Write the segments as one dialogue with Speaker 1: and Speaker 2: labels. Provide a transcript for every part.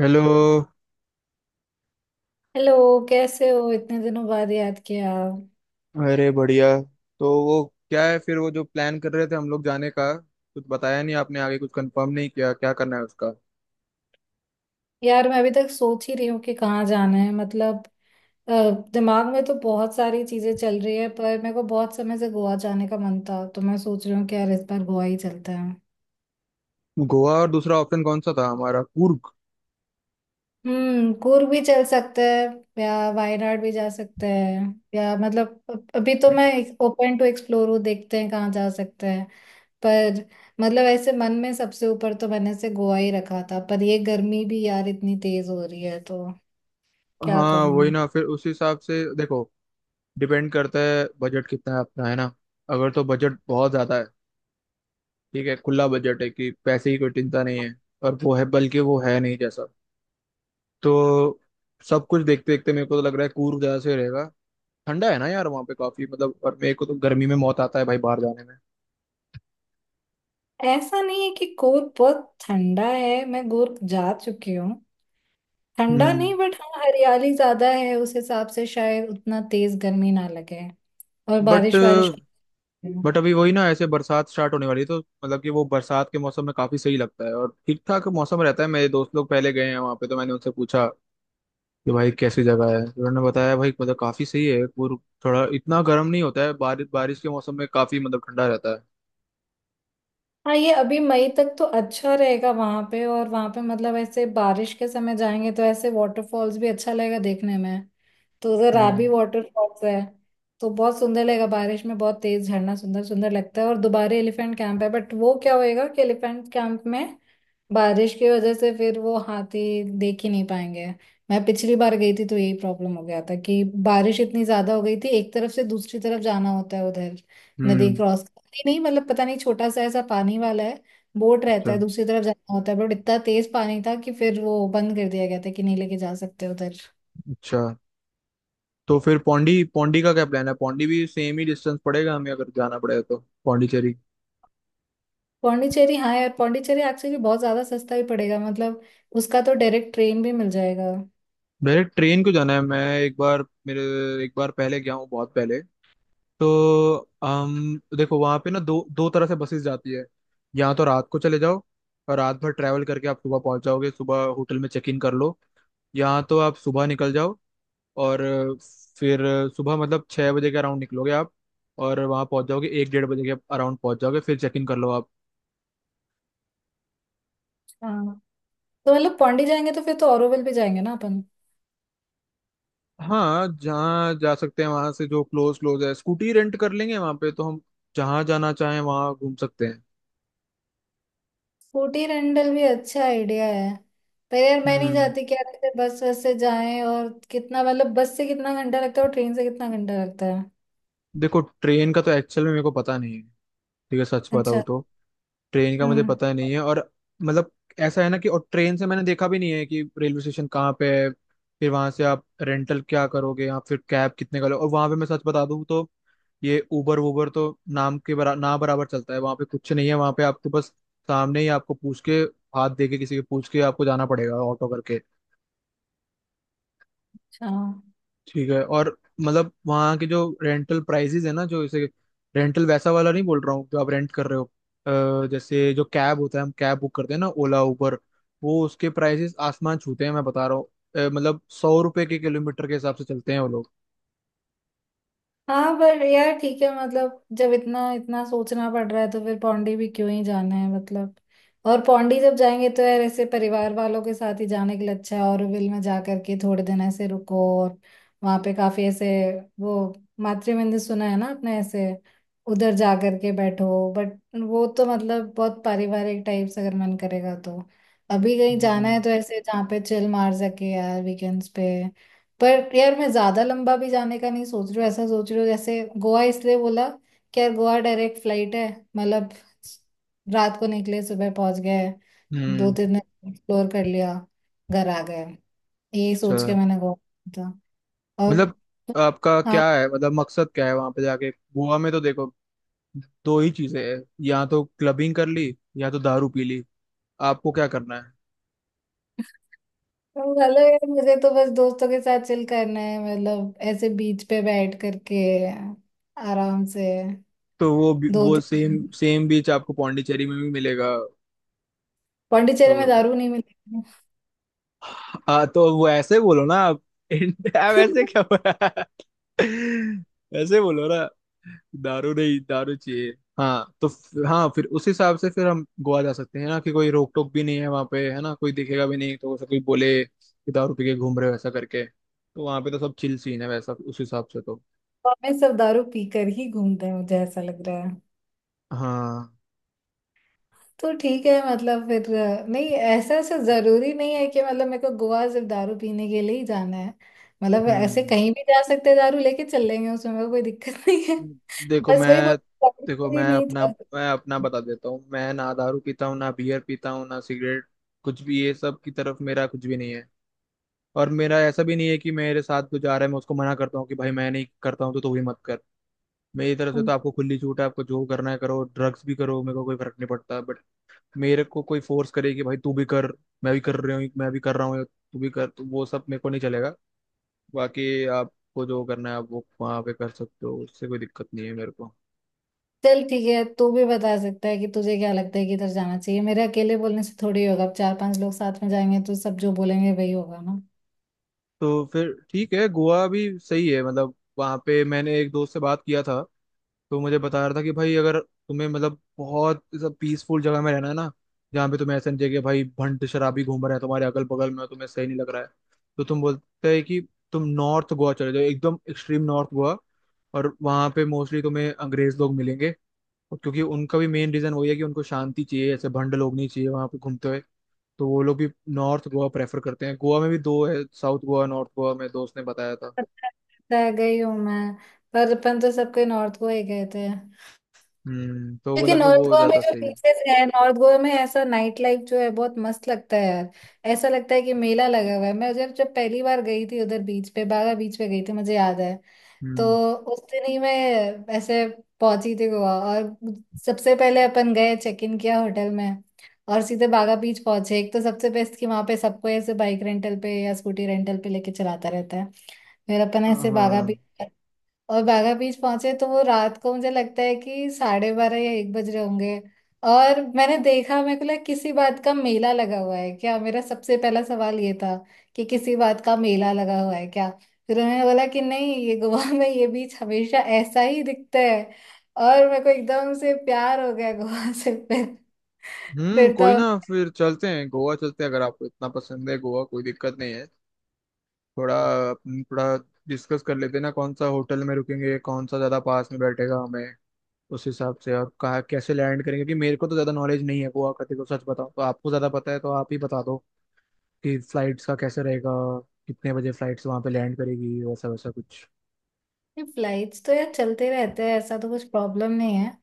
Speaker 1: Hello.
Speaker 2: Hello. कैसे हो? इतने दिनों बाद याद किया।
Speaker 1: अरे बढ़िया। तो वो क्या है, फिर वो जो प्लान कर रहे थे हम लोग जाने का, कुछ बताया नहीं आपने, आगे कुछ कंफर्म नहीं किया क्या करना है उसका।
Speaker 2: यार मैं अभी तक सोच ही रही हूँ कि कहाँ जाना है। मतलब अ, दिमाग में तो बहुत सारी चीजें चल रही है, पर मेरे को बहुत समय से गोवा जाने का मन था, तो मैं सोच रही हूँ कि यार इस बार गोवा ही चलते हैं।
Speaker 1: गोवा और दूसरा ऑप्शन कौन सा था हमारा, कुर्ग।
Speaker 2: हम्म, कूर्ग भी चल सकते हैं या वायनाड भी जा सकते हैं। या मतलब अभी तो मैं ओपन टू एक्सप्लोर हूँ, देखते हैं कहाँ जा सकते हैं। पर मतलब ऐसे मन में सबसे ऊपर तो मैंने से गोवा ही रखा था, पर ये गर्मी भी यार इतनी तेज हो रही है तो क्या कहूँ
Speaker 1: हाँ वही
Speaker 2: मैं।
Speaker 1: ना, फिर उस हिसाब से देखो, डिपेंड करता है बजट कितना है अपना, है ना। अगर तो बजट बहुत ज्यादा है, ठीक है, खुला बजट है कि पैसे की कोई चिंता नहीं है, और वो है, बल्कि वो है नहीं जैसा, तो सब कुछ देखते देखते मेरे को तो लग रहा है कूर्ग ज्यादा सही रहेगा। ठंडा है ना यार वहाँ पे काफी, मतलब, और मेरे को तो गर्मी में मौत आता है भाई बाहर जाने में।
Speaker 2: ऐसा नहीं है कि गोवा बहुत ठंडा है, मैं गोवा जा चुकी हूँ। ठंडा
Speaker 1: हम्म।
Speaker 2: नहीं, बट हाँ हरियाली ज्यादा है, उस हिसाब से शायद उतना तेज गर्मी ना लगे। और
Speaker 1: बट
Speaker 2: बारिश वारिश।
Speaker 1: बट अभी वही ना, ऐसे बरसात स्टार्ट होने वाली है, तो मतलब कि वो बरसात के मौसम में काफी सही लगता है और ठीक ठाक मौसम रहता है। मेरे दोस्त लोग पहले गए हैं वहाँ पे, तो मैंने उनसे पूछा कि भाई कैसी जगह है, तो उन्होंने बताया भाई मतलब काफी सही है, थोड़ा इतना गर्म नहीं होता है, बारिश बारिश के मौसम में काफी मतलब ठंडा रहता है।
Speaker 2: हाँ, ये अभी मई तक तो अच्छा रहेगा वहां पे, और वहां पे मतलब ऐसे बारिश के समय जाएंगे तो ऐसे वाटरफॉल्स भी अच्छा लगेगा देखने में। तो उधर राबी
Speaker 1: हम्म।
Speaker 2: वाटरफॉल्स है, तो बहुत सुंदर लगेगा बारिश में, बहुत तेज झरना सुंदर सुंदर लगता है। और दोबारा एलिफेंट कैंप है, बट वो क्या होएगा कि एलिफेंट कैंप में बारिश की वजह से फिर वो हाथी देख ही नहीं पाएंगे। मैं पिछली बार गई थी तो यही प्रॉब्लम हो गया था कि बारिश इतनी ज्यादा हो गई थी। एक तरफ से दूसरी तरफ जाना होता है उधर, नदी
Speaker 1: हम्म।
Speaker 2: क्रॉस करती नहीं, मतलब पता नहीं छोटा सा ऐसा पानी वाला है, बोट रहता
Speaker 1: अच्छा।
Speaker 2: है, दूसरी तरफ जाना होता है, बट इतना तेज पानी था कि फिर वो बंद कर दिया गया था कि नहीं लेके जा सकते उधर।
Speaker 1: अच्छा। तो फिर पौंडी पौंडी का क्या प्लान है, पौंडी भी सेम ही डिस्टेंस पड़ेगा हमें अगर जाना पड़ेगा तो। पौंडीचेरी।
Speaker 2: पौंडीचेरी, हाँ यार पौंडीचेरी एक्चुअली बहुत ज्यादा सस्ता भी पड़ेगा मतलब, उसका तो डायरेक्ट ट्रेन भी मिल जाएगा।
Speaker 1: मेरे ट्रेन को जाना है मैं एक बार मेरे एक बार पहले गया हूँ बहुत पहले। तो हम देखो वहाँ पे ना दो दो तरह से बसेस जाती है। या तो रात को चले जाओ और रात भर ट्रैवल करके आप सुबह पहुँच जाओगे, सुबह होटल में चेक इन कर लो। या तो आप सुबह निकल जाओ, और फिर सुबह, मतलब, छः बजे के अराउंड निकलोगे आप, और वहाँ पहुँच जाओगे एक डेढ़ बजे के अराउंड, पहुँच जाओगे फिर चेक इन कर लो आप।
Speaker 2: हाँ तो मतलब पौंडी जाएंगे तो फिर तो ऑरोविल भी जाएंगे ना अपन।
Speaker 1: हाँ जहाँ जा सकते हैं वहाँ से, जो क्लोज क्लोज है, स्कूटी रेंट कर लेंगे वहाँ पे, तो हम जहाँ जाना चाहें वहाँ घूम सकते हैं।
Speaker 2: स्कूटी रेंटल भी अच्छा आइडिया है। पर यार मैं नहीं
Speaker 1: हम्म।
Speaker 2: चाहती कि यार ऐसे बस बस से जाएं, और कितना मतलब बस से कितना घंटा लगता है और ट्रेन से कितना घंटा लगता है।
Speaker 1: देखो ट्रेन का तो एक्चुअल में मेरे को पता नहीं है, ठीक है, सच
Speaker 2: अच्छा।
Speaker 1: बताऊँ तो ट्रेन का मुझे
Speaker 2: हम्म।
Speaker 1: पता नहीं है, और, मतलब, ऐसा है ना कि, और ट्रेन से मैंने देखा भी नहीं है कि रेलवे स्टेशन कहाँ पे है। फिर वहां से आप रेंटल क्या करोगे, आप फिर कैब कितने का लो, और वहां पे मैं सच बता दूँ तो ये उबर वूबर तो नाम के ना बराबर चलता है वहां पे, कुछ नहीं है वहां पे, आपको बस सामने ही, आपको पूछ के, हाथ दे के किसी के, पूछ के आपको जाना पड़ेगा ऑटो करके।
Speaker 2: अच्छा।
Speaker 1: ठीक है। और मतलब वहाँ के जो रेंटल प्राइसेस है ना, जो जैसे रेंटल वैसा वाला नहीं बोल रहा हूँ जो आप रेंट कर रहे हो, जैसे जो कैब होता है हम कैब बुक करते हैं ना, ओला उबर, वो उसके प्राइसेस आसमान छूते हैं मैं बता रहा हूँ। मतलब सौ रुपए के किलोमीटर के हिसाब से चलते हैं वो लोग।
Speaker 2: हाँ पर यार ठीक है मतलब जब इतना इतना सोचना पड़ रहा है तो फिर पौंडी भी क्यों ही जाना है मतलब। और पौंडी जब जाएंगे तो यार ऐसे परिवार वालों के साथ ही जाने के लिए अच्छा है, ऑरोविल में जा करके थोड़े दिन ऐसे रुको, और वहाँ पे काफी ऐसे वो मातृ मंदिर सुना है ना आपने, ऐसे उधर जा करके बैठो, बट वो तो मतलब बहुत पारिवारिक टाइप से अगर मन करेगा तो। अभी कहीं जाना
Speaker 1: हम्म।
Speaker 2: है तो ऐसे जहाँ पे चिल मार सके यार, वीकेंड्स पे। पर यार मैं ज्यादा लंबा भी जाने का नहीं सोच रही हूँ, ऐसा सोच रही हूँ, जैसे गोवा इसलिए बोला कि यार गोवा डायरेक्ट फ्लाइट है। मतलब रात को निकले, सुबह पहुंच गए, दो
Speaker 1: हम्म।
Speaker 2: तीन दिन एक्सप्लोर कर लिया, घर आ गए। यही
Speaker 1: अच्छा।
Speaker 2: सोच के मैंने गोवा किया था। और
Speaker 1: मतलब आपका
Speaker 2: हाँ।
Speaker 1: क्या है, मतलब मकसद क्या है वहां पे जाके, गोवा में तो देखो दो ही चीजें हैं, या तो क्लबिंग कर ली, या तो दारू पी ली, आपको क्या करना है।
Speaker 2: हेलो यार, मुझे तो बस दोस्तों के साथ चिल करना है मतलब, ऐसे बीच पे बैठ करके आराम से।
Speaker 1: तो
Speaker 2: दो
Speaker 1: वो सेम
Speaker 2: तीन।
Speaker 1: सेम बीच आपको पौंडीचेरी में भी मिलेगा। तो
Speaker 2: पौंडीचेरी में दारू नहीं मिलेगी।
Speaker 1: हाँ, तो वो ऐसे बोलो ना आप इंडिया वैसे क्या बोला ऐसे बोलो ना, दारू नहीं, दारू चाहिए। हाँ तो हाँ फिर उस हिसाब से फिर हम गोवा जा सकते हैं ना, कि कोई रोक टोक भी नहीं है वहाँ पे, है ना, कोई दिखेगा भी नहीं तो वैसे कोई बोले कि दारू पी के घूम रहे हो, ऐसा करके, तो वहाँ पे तो सब चिल सीन है वैसा, उस हिसाब से तो।
Speaker 2: हमें सब दारू पीकर ही घूमते हैं, मुझे ऐसा लग रहा है।
Speaker 1: हाँ।
Speaker 2: तो ठीक है मतलब फिर नहीं, ऐसा ऐसा जरूरी नहीं है कि मतलब मेरे को गोवा सिर्फ दारू पीने के लिए ही जाना है। मतलब ऐसे
Speaker 1: हम्म।
Speaker 2: कहीं भी जा सकते हैं, दारू लेके चल लेंगे, उसमें मेरे को कोई दिक्कत नहीं है।
Speaker 1: देखो
Speaker 2: बस वही बोल,
Speaker 1: मैं
Speaker 2: दारू
Speaker 1: देखो
Speaker 2: के लिए
Speaker 1: मैं
Speaker 2: नहीं
Speaker 1: अपना
Speaker 2: जा सकते।
Speaker 1: मैं अपना बता देता हूँ, मैं ना दारू पीता हूँ ना बियर पीता हूँ ना सिगरेट, कुछ भी, ये सब की तरफ मेरा कुछ भी नहीं है। और मेरा ऐसा भी नहीं है कि मेरे साथ जो जा रहा है मैं उसको मना करता हूँ कि भाई मैं नहीं करता हूँ तो तू भी मत कर। मेरी तरफ से तो
Speaker 2: हम्म।
Speaker 1: आपको खुली छूट है, आपको जो करना है करो, ड्रग्स भी करो, मेरे को कोई फर्क नहीं पड़ता। बट मेरे को कोई फोर्स करे कि भाई तू भी कर, मैं भी कर रही हूँ, मैं भी कर रहा हूँ, तू भी कर, तो वो सब मेरे को नहीं चलेगा। बाकी आपको जो करना है आप वो वहाँ पे कर सकते हो, उससे कोई दिक्कत नहीं है मेरे को।
Speaker 2: चल ठीक है, तू भी बता सकता है कि तुझे क्या लगता है कि इधर जाना चाहिए। मेरे अकेले बोलने से थोड़ी होगा, अब चार पांच लोग साथ में जाएंगे तो सब जो बोलेंगे वही होगा ना।
Speaker 1: तो फिर ठीक है, गोवा भी सही है, मतलब वहाँ पे मैंने एक दोस्त से बात किया था, तो मुझे बता रहा था कि भाई अगर तुम्हें मतलब बहुत पीसफुल जगह में रहना है ना, जहाँ पे तुम्हें ऐसा नहीं चाहिए कि भाई भंड शराबी घूम रहे हैं तुम्हारे अगल बगल में और तुम्हें सही नहीं लग रहा है, तो तुम बोलते हैं कि तुम नॉर्थ गोवा चले जाओ, एकदम एक्सट्रीम नॉर्थ गोवा, और वहाँ पे मोस्टली तुम्हें अंग्रेज लोग मिलेंगे, और क्योंकि उनका भी मेन रीजन वही है कि उनको शांति चाहिए, ऐसे भंड लोग नहीं चाहिए वहाँ पे घूमते हुए, तो वो लोग भी नॉर्थ गोवा प्रेफर करते हैं, गोवा में भी दो है, साउथ गोवा नॉर्थ गोवा, में दोस्त ने बताया था।
Speaker 2: पता है, गई हूँ मैं। पर अपन तो सब कोई नॉर्थ को ही गए थे।
Speaker 1: हम्म, तो
Speaker 2: क्योंकि
Speaker 1: बोला कि
Speaker 2: नॉर्थ
Speaker 1: वो
Speaker 2: गोवा में
Speaker 1: ज्यादा
Speaker 2: जो
Speaker 1: सही है।
Speaker 2: बीचेस है, नॉर्थ गोवा में ऐसा नाइट लाइफ जो है बहुत मस्त लगता है यार। ऐसा लगता है कि मेला लगा हुआ है। मैं जब जब पहली बार गई थी उधर बीच पे, बागा बीच पे गई थी मुझे याद है। तो
Speaker 1: हम्म।
Speaker 2: उस दिन ही मैं ऐसे पहुंची थी गोवा, और सबसे पहले अपन गए, चेक इन किया होटल में, और सीधे बागा बीच पहुंचे। एक तो सबसे बेस्ट कि वहां पे सबको ऐसे बाइक रेंटल पे या स्कूटी रेंटल पे लेके चलाता रहता है। फिर अपन ऐसे बागा
Speaker 1: हाँ।
Speaker 2: बीच, और बागा बीच पहुंचे तो वो रात को मुझे लगता है कि साढ़े बारह या एक बज रहे होंगे। और मैंने देखा, मेरे को लगा किसी बात का मेला लगा हुआ है क्या, मेरा सबसे पहला सवाल ये था कि किसी बात का मेला लगा हुआ है क्या। फिर उन्होंने बोला कि नहीं, ये गोवा में ये बीच हमेशा ऐसा ही दिखता है। और मेरे को एकदम से प्यार हो गया गोवा से फिर।
Speaker 1: हम्म,
Speaker 2: फिर
Speaker 1: कोई
Speaker 2: तो
Speaker 1: ना,
Speaker 2: हम।
Speaker 1: फिर चलते हैं गोवा, चलते हैं अगर आपको इतना पसंद है गोवा, कोई दिक्कत नहीं है। थोड़ा अपन थोड़ा डिस्कस कर लेते हैं ना, कौन सा होटल में रुकेंगे, कौन सा ज्यादा पास में बैठेगा हमें, उस हिसाब से, और कहाँ कैसे लैंड करेंगे, क्योंकि मेरे को तो ज्यादा नॉलेज नहीं है गोवा का, देखो सच बताऊँ तो आपको ज्यादा पता है, तो आप ही बता दो कि फ्लाइट्स का कैसे रहेगा, कितने बजे फ्लाइट्स वहाँ पे लैंड करेगी, वैसा वैसा कुछ।
Speaker 2: फ्लाइट्स तो यार चलते रहते हैं, ऐसा तो कुछ प्रॉब्लम नहीं है।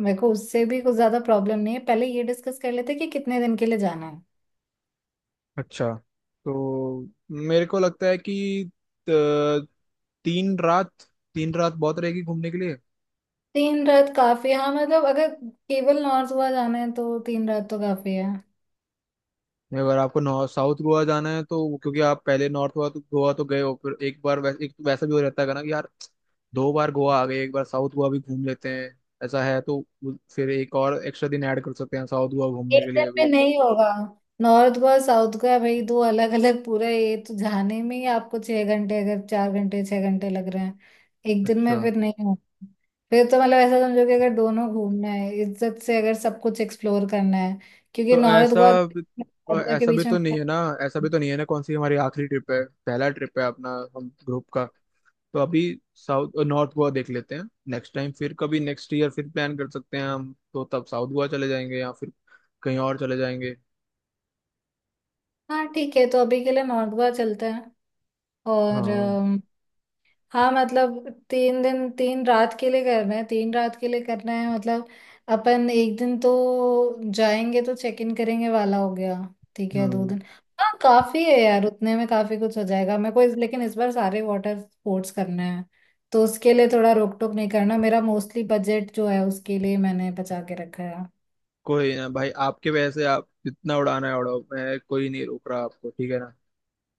Speaker 2: मेरे को उससे भी कुछ ज्यादा प्रॉब्लम नहीं है, पहले ये डिस्कस कर लेते हैं कि कितने दिन के लिए जाना।
Speaker 1: अच्छा। तो मेरे को लगता है कि अ, तीन रात, तीन रात बहुत रहेगी घूमने के लिए।
Speaker 2: तीन रात काफी है। हाँ मतलब अगर केवल नॉर्थ गोवा जाना है तो तीन रात तो काफी है।
Speaker 1: अगर आपको नॉर्थ साउथ गोवा जाना है तो क्योंकि आप पहले नॉर्थ गोवा तो गए हो, फिर एक बार, वैसे एक तो वैसा भी हो जाता है ना कि यार दो बार गोवा आ गए, एक बार साउथ गोवा भी घूम लेते हैं, ऐसा है तो फिर एक और एक्स्ट्रा दिन ऐड कर सकते हैं साउथ गोवा घूमने
Speaker 2: एक
Speaker 1: के
Speaker 2: दिन
Speaker 1: लिए भी।
Speaker 2: में नहीं होगा। नॉर्थ गोवा साउथ गोवा भाई दो अलग अलग पूरा ये, तो जाने में ही आपको छह घंटे, अगर चार घंटे छह घंटे लग रहे हैं, एक दिन
Speaker 1: अच्छा।
Speaker 2: में फिर नहीं होगा। फिर तो मतलब ऐसा समझो कि अगर दोनों घूमना है इज्जत से, अगर सब कुछ एक्सप्लोर करना है, क्योंकि
Speaker 1: तो
Speaker 2: नॉर्थ गोवा
Speaker 1: भी-
Speaker 2: साउथ
Speaker 1: तो
Speaker 2: गोवा के बीच में।
Speaker 1: ऐसा भी तो नहीं है ना, कौन सी हमारी आखिरी ट्रिप है, पहला ट्रिप है अपना, हम ग्रुप का, तो अभी साउथ नॉर्थ गोवा देख लेते हैं, नेक्स्ट टाइम फिर कभी नेक्स्ट ईयर फिर प्लान कर सकते हैं हम, तो तब साउथ गोवा चले जाएंगे या फिर कहीं और चले जाएंगे।
Speaker 2: हाँ ठीक है, तो अभी के लिए नॉर्थ गोवा चलते हैं। और
Speaker 1: हाँ।
Speaker 2: हाँ मतलब तीन दिन तीन रात के लिए करना है, तीन रात के लिए करना है मतलब। अपन एक दिन तो जाएंगे तो चेक इन करेंगे वाला हो गया। ठीक है, दो
Speaker 1: हम्म।
Speaker 2: दिन। हाँ काफी है यार, उतने में काफी कुछ हो जाएगा मेरे को। लेकिन इस बार सारे वाटर स्पोर्ट्स करना है, तो उसके लिए थोड़ा रोक टोक नहीं करना, मेरा मोस्टली बजट जो है उसके लिए मैंने बचा के रखा है।
Speaker 1: कोई ना भाई, आपके, वैसे आप जितना उड़ाना है उड़ाओ, मैं कोई नहीं रोक रहा आपको, ठीक है ना।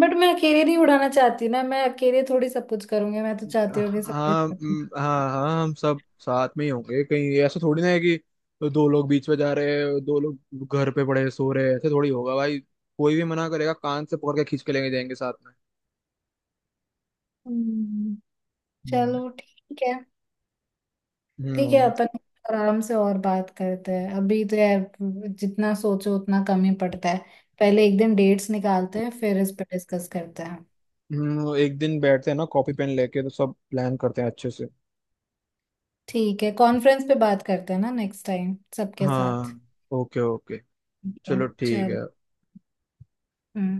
Speaker 2: बट मैं अकेले नहीं उड़ाना चाहती ना, मैं अकेले थोड़ी सब कुछ करूंगी, मैं तो चाहती हूँ कि सब कुछ
Speaker 1: हाँ।
Speaker 2: करूँ।
Speaker 1: हाँ हाँ, हम सब साथ में ही होंगे, कहीं ऐसा थोड़ी ना है कि दो लोग बीच में जा रहे हैं दो लोग घर पे पड़े सो रहे हैं, ऐसे थोड़ी होगा भाई, कोई भी मना करेगा कान से पकड़ के खींच के लेके जाएंगे साथ में।
Speaker 2: हम्म,
Speaker 1: हम्म।
Speaker 2: चलो ठीक है। ठीक है
Speaker 1: हम्म।
Speaker 2: अपन आराम से और बात करते हैं, अभी तो यार जितना सोचो उतना कम ही पड़ता है। पहले एक दिन डेट्स निकालते हैं, फिर इस पर डिस्कस करते हैं।
Speaker 1: एक दिन बैठते हैं ना कॉपी पेन लेके तो सब प्लान करते हैं अच्छे से।
Speaker 2: ठीक है, कॉन्फ्रेंस पे बात करते हैं ना नेक्स्ट टाइम सबके साथ।
Speaker 1: हाँ। Okay okay.
Speaker 2: ठीक है,
Speaker 1: चलो ठीक
Speaker 2: चल।
Speaker 1: है।
Speaker 2: हम्म।